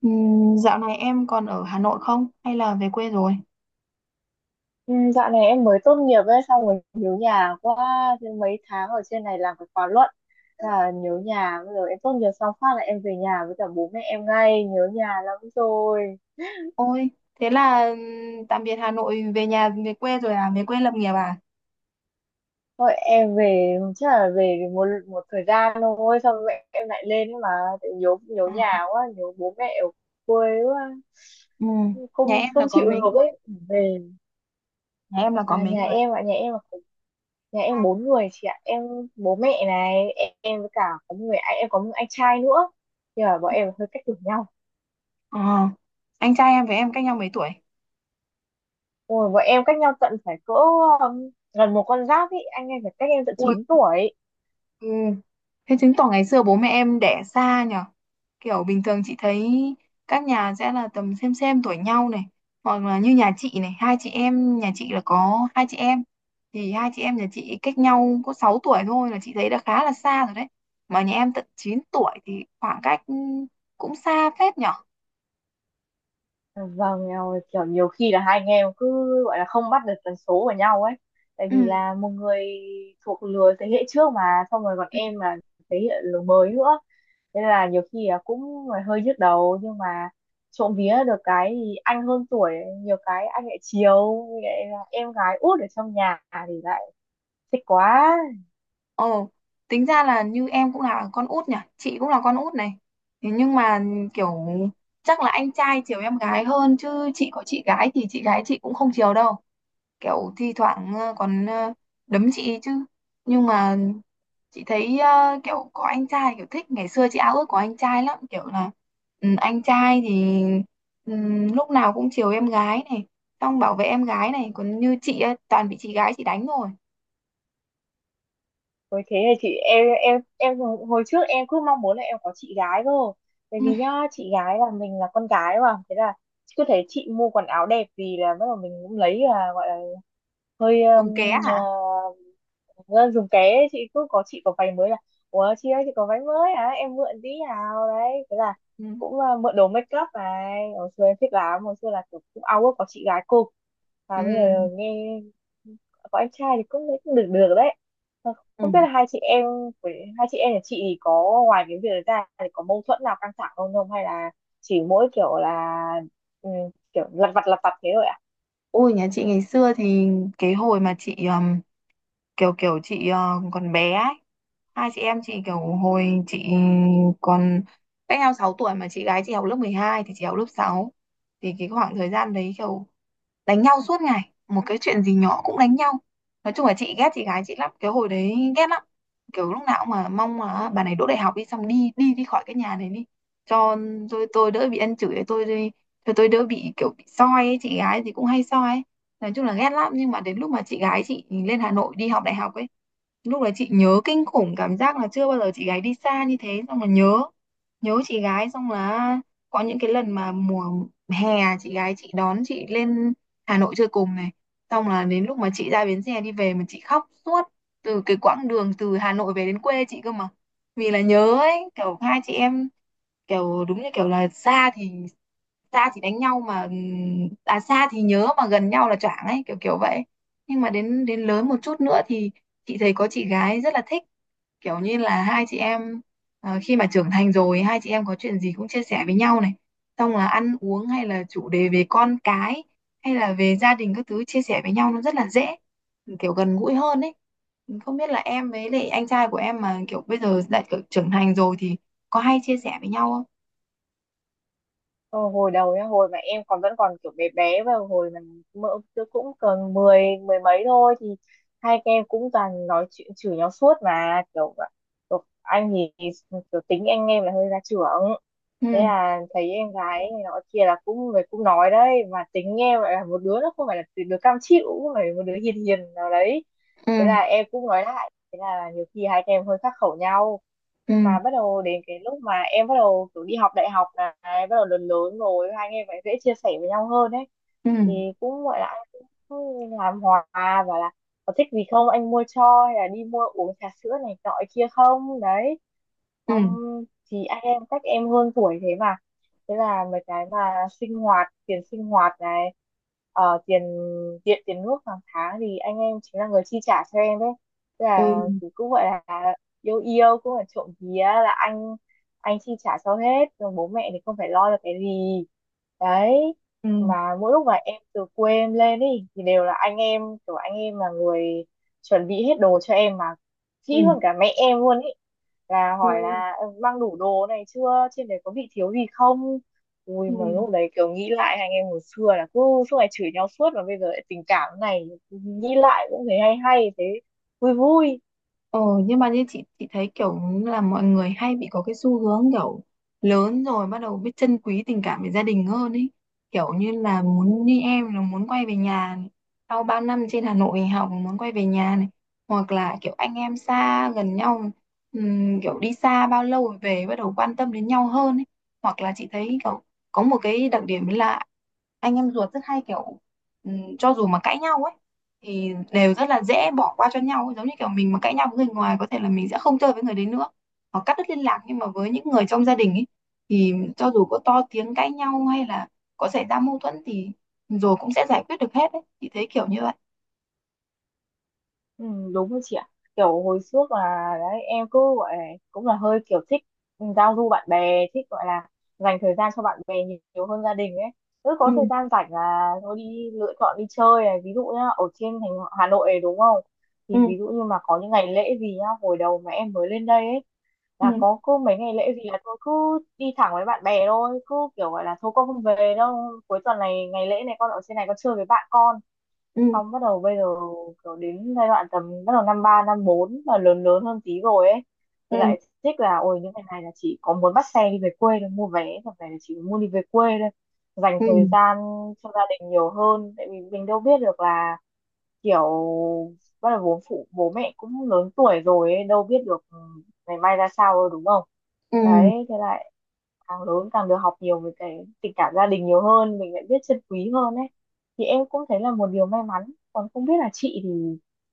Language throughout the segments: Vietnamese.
Dạo này em còn ở Hà Nội không? Hay là về quê rồi? Ừ, dạo này em mới tốt nghiệp ấy, xong rồi nhớ nhà quá, thế mấy tháng ở trên này làm cái khóa luận. Thế là nhớ nhà, bây giờ em tốt nghiệp xong phát là em về nhà với cả bố mẹ em ngay, nhớ nhà lắm rồi. Ôi, thế là tạm biệt Hà Nội, về nhà về quê rồi à? Về quê lập nghiệp à? Thôi em về chắc là về một một thời gian thôi xong mẹ em lại lên ấy mà. Tại nhớ nhớ À, nhà quá, nhớ bố mẹ ở quê quá, ừm, Nhà không em là không có chịu mấy được người? ấy. Về, Nhà em là có à mấy nhà người? em ạ, nhà em là nhà em bốn người chị ạ. Em bố mẹ này em với cả có một người anh, em có một anh trai nữa, nhưng mà bọn em hơi cách tuổi nhau. À, anh trai em với em cách nhau mấy tuổi? Ôi, bọn em cách nhau tận phải cỡ gần một con giáp ý, anh em phải cách em tận 9 tuổi. Ui, thế chứng tỏ ngày xưa bố mẹ em đẻ xa nhở? Kiểu bình thường chị thấy các nhà sẽ là tầm xem tuổi nhau này, hoặc là như nhà chị này, hai chị em, nhà chị là có hai chị em, thì hai chị em nhà chị cách nhau có 6 tuổi thôi là chị thấy đã khá là xa rồi đấy. Mà nhà em tận 9 tuổi thì khoảng cách cũng xa phết nhở? Vâng, kiểu nhiều khi là hai anh em cứ gọi là không bắt được tần số của nhau ấy. Tại Ừ. vì là một người thuộc lứa thế hệ trước mà, xong rồi còn Ừ. em là thế hệ lứa mới nữa. Thế là nhiều khi là cũng là hơi nhức đầu, nhưng mà trộm vía được cái thì anh hơn tuổi, nhiều cái anh lại chiều, lại là em gái út ở trong nhà thì lại thích quá. Ồ, tính ra là như em cũng là con út nhỉ, chị cũng là con út này. Thế nhưng mà kiểu chắc là anh trai chiều em gái hơn chứ chị có chị gái thì chị gái chị cũng không chiều đâu. Kiểu thi thoảng còn đấm chị chứ. Nhưng mà chị thấy kiểu có anh trai kiểu thích, ngày xưa chị ao ước có anh trai lắm, kiểu là ừ, anh trai thì ừ, lúc nào cũng chiều em gái này, xong bảo vệ em gái này, còn như chị ấy, toàn bị chị gái chị đánh rồi. Ôi thế thì chị em, em hồi hồi trước em cứ mong muốn là em có chị gái cơ, tại Ừ, vì nhá chị gái là mình là con gái mà, thế là cứ thấy chị mua quần áo đẹp, vì là bắt đầu mình cũng lấy là gọi là hơi dùng ké hả? à, dùng ké ấy. Chị cứ có, chị có váy mới là ủa chị ơi chị có váy mới à, em mượn tí nào đấy, thế là Ừ. cũng à, mượn đồ make up này, hồi xưa em thích lắm, hồi xưa là kiểu cũng ao ước có chị gái cô. Ừ. Và bây giờ nghe có anh trai thì cũng thấy cũng được được đấy. Ừ. Không biết là hai chị em với hai chị em nhà chị thì có, ngoài cái việc đấy ra thì có mâu thuẫn nào căng thẳng không, không hay là chỉ mỗi kiểu là ừ, kiểu lặt vặt thế thôi ạ? Ôi, nhà chị ngày xưa thì cái hồi mà chị kiểu kiểu chị còn bé ấy. Hai chị em chị, kiểu hồi chị còn, cách nhau 6 tuổi mà chị gái chị học lớp 12 thì chị học lớp 6. Thì cái khoảng thời gian đấy kiểu đánh nhau suốt ngày, một cái chuyện gì nhỏ cũng đánh nhau. Nói chung là chị ghét chị gái chị lắm cái hồi đấy, ghét lắm, kiểu lúc nào cũng mà mong mà bà này đỗ đại học đi, xong đi đi đi khỏi cái nhà này đi cho tôi đỡ bị ăn chửi, tôi đi cho tôi đỡ bị kiểu bị soi ấy. Chị gái thì cũng hay soi ấy. Nói chung là ghét lắm, nhưng mà đến lúc mà chị gái chị lên Hà Nội đi học đại học ấy, lúc đấy chị nhớ kinh khủng, cảm giác là chưa bao giờ chị gái đi xa như thế, xong là nhớ nhớ chị gái, xong là có những cái lần mà mùa hè chị gái chị đón chị lên Hà Nội chơi cùng này, xong là đến lúc mà chị ra bến xe đi về mà chị khóc suốt từ cái quãng đường từ Hà Nội về đến quê chị cơ mà, vì là nhớ ấy, kiểu hai chị em, kiểu đúng như kiểu là xa thì đánh nhau mà ừ, à xa thì nhớ mà gần nhau là choảng ấy, kiểu kiểu vậy. Nhưng mà đến đến lớn một chút nữa thì chị thấy có chị gái rất là thích, kiểu như là hai chị em khi mà trưởng thành rồi hai chị em có chuyện gì cũng chia sẻ với nhau này, xong là ăn uống hay là chủ đề về con cái hay là về gia đình các thứ chia sẻ với nhau nó rất là dễ, kiểu gần gũi hơn ấy. Không biết là em với lại anh trai của em mà kiểu bây giờ đã kiểu trưởng thành rồi thì có hay chia sẻ với nhau không. Ờ, hồi đầu nhá, hồi mà em còn vẫn còn kiểu bé bé và hồi mà mỡ cũng còn mười mười mấy thôi thì hai các em cũng toàn nói chuyện chửi nhau suốt mà kiểu, kiểu anh thì kiểu tính anh em là hơi ra trưởng, Ừ, thế là thấy em gái này nọ kia là cũng người cũng nói đấy, mà tính em lại là một đứa nó không phải là đứa cam chịu, cũng phải một đứa hiền hiền nào đấy, ừ, thế là em cũng nói lại, thế là nhiều khi hai các em hơi khắc khẩu nhau. ừ, Nhưng mà bắt đầu đến cái lúc mà em bắt đầu kiểu đi học đại học này, bắt đầu lớn lớn rồi hai anh em phải dễ chia sẻ với nhau hơn đấy, ừ, thì cũng gọi là anh cũng làm hòa, và là có thích gì không anh mua cho, hay là đi mua uống trà sữa này nọ kia không đấy. Xong ừ, thì anh em cách em hơn tuổi thế mà, thế là mấy cái mà sinh hoạt, tiền sinh hoạt này ờ, tiền điện tiền nước hàng tháng thì anh em chính là người chi trả cho em đấy. Thế ừ, là thì cũng gọi là yêu yêu cũng là trộm vía là anh chi trả cho hết rồi bố mẹ thì không phải lo được cái gì. Đấy ừ, mà mỗi lúc mà em từ quê em lên ấy thì đều là anh em, kiểu anh em là người chuẩn bị hết đồ cho em mà kỹ ừ, hơn cả mẹ em luôn ý, là ừ, hỏi là "Ừ, mang đủ đồ này chưa, trên đấy có bị thiếu gì không?" Ui ừ. mà lúc đấy kiểu nghĩ lại anh em hồi xưa là cứ suốt ngày chửi nhau suốt mà bây giờ lại tình cảm này, nghĩ lại cũng thấy hay hay, thế vui vui. ờ nhưng mà như chị thấy kiểu là mọi người hay bị có cái xu hướng kiểu lớn rồi bắt đầu biết trân quý tình cảm với gia đình hơn ấy, kiểu như là muốn như em là muốn quay về nhà này. Sau bao năm trên Hà Nội học muốn quay về nhà này, hoặc là kiểu anh em xa gần nhau, kiểu đi xa bao lâu rồi về bắt đầu quan tâm đến nhau hơn ấy. Hoặc là chị thấy kiểu có một cái đặc điểm là anh em ruột rất hay kiểu cho dù mà cãi nhau ấy thì đều rất là dễ bỏ qua cho nhau ấy. Giống như kiểu mình mà cãi nhau với người ngoài có thể là mình sẽ không chơi với người đấy nữa hoặc cắt đứt liên lạc, nhưng mà với những người trong gia đình ấy thì cho dù có to tiếng cãi nhau hay là có xảy ra mâu thuẫn thì rồi cũng sẽ giải quyết được hết ấy, chị thấy kiểu như vậy. Ừ, đúng rồi chị ạ, kiểu hồi trước là đấy em cứ gọi là cũng là hơi kiểu thích giao du bạn bè, thích gọi là dành thời gian cho bạn bè nhiều, nhiều hơn gia đình ấy. Cứ Ừ, có thời gian rảnh là thôi đi lựa chọn đi chơi này, ví dụ nhá ở trên thành Hà Nội này đúng không, ừ, thì ví dụ như mà có những ngày lễ gì nhá, hồi đầu mà em mới lên đây ấy, ừ, là có cứ mấy ngày lễ gì là tôi cứ đi thẳng với bạn bè thôi, cứ kiểu gọi là thôi con không về đâu, cuối tuần này ngày lễ này con ở trên này con chơi với bạn con. ừ, Xong bắt đầu bây giờ kiểu đến giai đoạn tầm bắt đầu năm ba năm bốn mà lớn lớn hơn tí rồi ấy, thì ừ, lại thích là ôi những ngày này là chỉ có muốn bắt xe đi về quê thôi, mua vé và về là chỉ muốn đi về quê thôi, dành ừ, thời gian cho gia đình nhiều hơn. Tại vì mình đâu biết được là kiểu bắt đầu bố phụ bố mẹ cũng lớn tuổi rồi ấy, đâu biết được ừ, ngày mai ra sao đâu đúng không. ừ. Đấy thế là càng lớn càng được học nhiều về cái tình cảm gia đình nhiều hơn, mình lại biết trân quý hơn ấy, thì em cũng thấy là một điều may mắn. Còn không biết là chị thì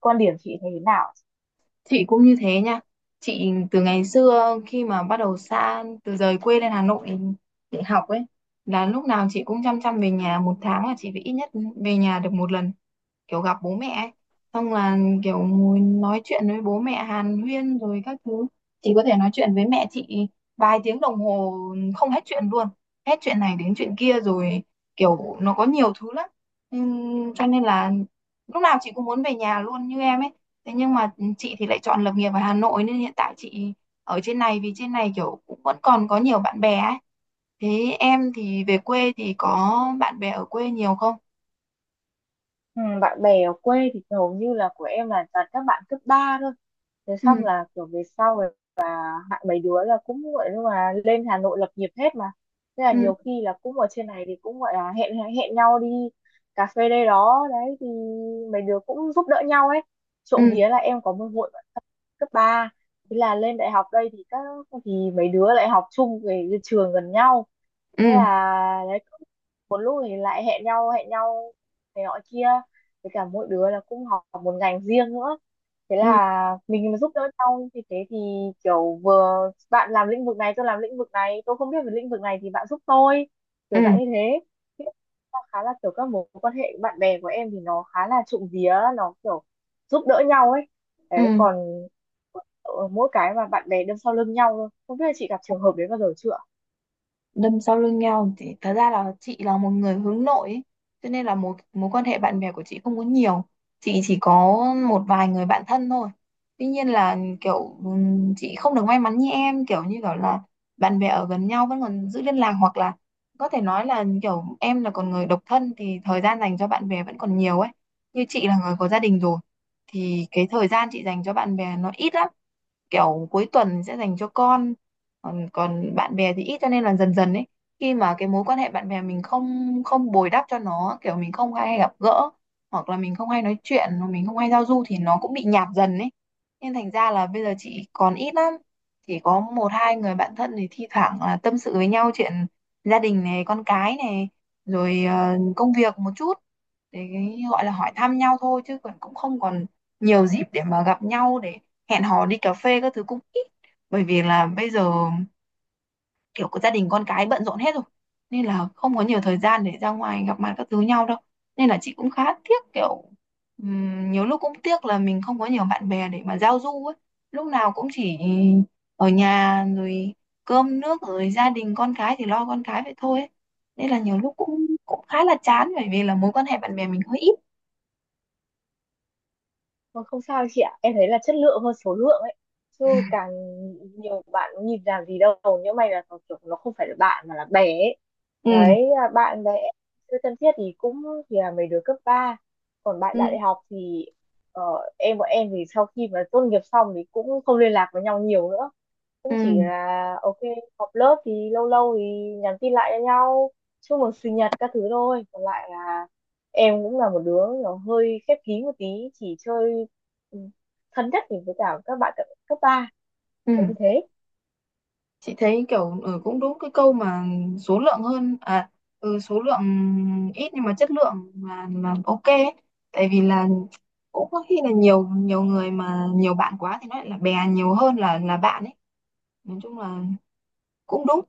quan điểm chị thấy thế nào. Chị cũng như thế nha. Chị từ ngày xưa khi mà bắt đầu xa, từ rời quê lên Hà Nội để học ấy, là lúc nào chị cũng chăm chăm về nhà. Một tháng là chị phải ít nhất về nhà được một lần, kiểu gặp bố mẹ ấy. Xong là kiểu ngồi nói chuyện với bố mẹ hàn huyên rồi các thứ. Chị có thể nói chuyện với mẹ chị vài tiếng đồng hồ không hết chuyện luôn, hết chuyện này đến chuyện kia rồi, kiểu nó có nhiều thứ lắm. Cho nên là lúc nào chị cũng muốn về nhà luôn như em ấy. Thế nhưng mà chị thì lại chọn lập nghiệp ở Hà Nội nên hiện tại chị ở trên này, vì trên này kiểu cũng vẫn còn có nhiều bạn bè ấy. Thế em thì về quê thì có bạn bè ở quê nhiều không? Ừ, bạn bè ở quê thì hầu như là của em là toàn các bạn cấp 3 thôi, thế Ừ, xong là kiểu về sau hạ mấy đứa là cũng gọi là lên Hà Nội lập nghiệp hết mà, thế là ừ, nhiều khi là cũng ở trên này thì cũng gọi là hẹn hẹn nhau đi cà phê đây đó đấy, thì mấy đứa cũng giúp đỡ nhau ấy. Trộm ừ, vía là em có một hội bạn thân cấp ba, thế là lên đại học đây thì thì mấy đứa lại học chung về trường gần nhau, thế ừ, là đấy cũng, một lúc thì lại hẹn nhau này nọ kia, với cả mỗi đứa là cũng học một ngành riêng nữa, thế ừ, là mình mà giúp đỡ nhau như thế thì kiểu vừa bạn làm lĩnh vực này tôi làm lĩnh vực này, tôi không biết về lĩnh vực này thì bạn giúp tôi, ừ, kiểu dạng như thế. Thế là khá là kiểu các mối quan hệ bạn bè của em thì nó khá là, trộm vía nó kiểu giúp đỡ nhau ấy. Đấy ừ. còn ở mỗi cái mà bạn bè đâm sau lưng nhau thôi, không biết là chị gặp trường hợp đấy bao giờ chưa. Đâm sau lưng nhau thì thật ra là chị là một người hướng nội ấy. Cho nên là mối mối quan hệ bạn bè của chị không có nhiều, chị chỉ có một vài người bạn thân thôi. Tuy nhiên là kiểu chị không được may mắn như em, kiểu như kiểu là bạn bè ở gần nhau vẫn còn giữ liên lạc, hoặc là có thể nói là kiểu em là còn người độc thân thì thời gian dành cho bạn bè vẫn còn nhiều ấy. Như chị là người có gia đình rồi thì cái thời gian chị dành cho bạn bè nó ít lắm, kiểu cuối tuần sẽ dành cho con, còn bạn bè thì ít, cho nên là dần dần ấy, khi mà cái mối quan hệ bạn bè mình không không bồi đắp cho nó, kiểu mình không hay gặp gỡ hoặc là mình không hay nói chuyện hoặc mình không hay giao du thì nó cũng bị nhạt dần ấy. Nên thành ra là bây giờ chị còn ít lắm, chỉ có một hai người bạn thân thì thi thoảng là tâm sự với nhau chuyện gia đình này con cái này rồi công việc một chút, để cái gọi là hỏi thăm nhau thôi, chứ còn cũng không còn nhiều dịp để mà gặp nhau, để hẹn hò đi cà phê các thứ cũng ít. Bởi vì là bây giờ kiểu có gia đình con cái bận rộn hết rồi nên là không có nhiều thời gian để ra ngoài gặp mặt các thứ nhau đâu. Nên là chị cũng khá tiếc kiểu nhiều lúc cũng tiếc là mình không có nhiều bạn bè để mà giao du ấy. Lúc nào cũng chỉ ở nhà rồi cơm nước rồi gia đình con cái thì lo con cái vậy thôi ấy. Nên là nhiều lúc cũng cũng khá là chán bởi vì là mối quan hệ bạn bè mình hơi ít. Vâng, không sao chị ạ, em thấy là chất lượng hơn số lượng ấy, chứ càng nhiều bạn nhìn làm gì đâu, nhưng may là nó kiểu nó không phải là bạn mà là bè ấy. Ừ, Đấy là bạn bè chưa thân thiết thì cũng, thì là mấy đứa cấp ba. Còn bạn ừ, đại học thì ờ, bọn em thì sau khi mà tốt nghiệp xong thì cũng không liên lạc với nhau nhiều nữa, cũng chỉ ừ, là ok, họp lớp thì lâu lâu thì nhắn tin lại cho nhau, chúc mừng sinh nhật các thứ thôi. Còn lại là em cũng là một đứa nó hơi khép kín một tí, chỉ chơi ừ, thân nhất thì với cả các bạn cấp cấp ba, ừ. là như thế. Chị thấy kiểu ừ, cũng đúng cái câu mà số lượng hơn à, ừ, số lượng ít nhưng mà chất lượng là ok ấy. Tại vì là cũng có khi là nhiều nhiều người mà nhiều bạn quá thì nó lại là bè nhiều hơn là bạn ấy, nói chung là cũng đúng.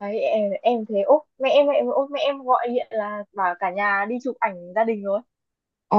Đấy em, thế ốp mẹ em, ốp mẹ em gọi điện là bảo cả nhà đi chụp ảnh gia đình rồi. Ồ,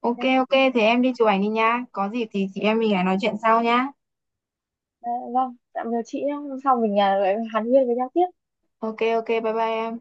ok Em, ok thì em đi chụp ảnh đi nha, có gì thì chị em mình lại nói chuyện sau nhá. "Ờ, vâng tạm biệt chị nhé, hôm sau mình à, lại hàn huyên với nhau tiếp." Ok ok, bye bye em.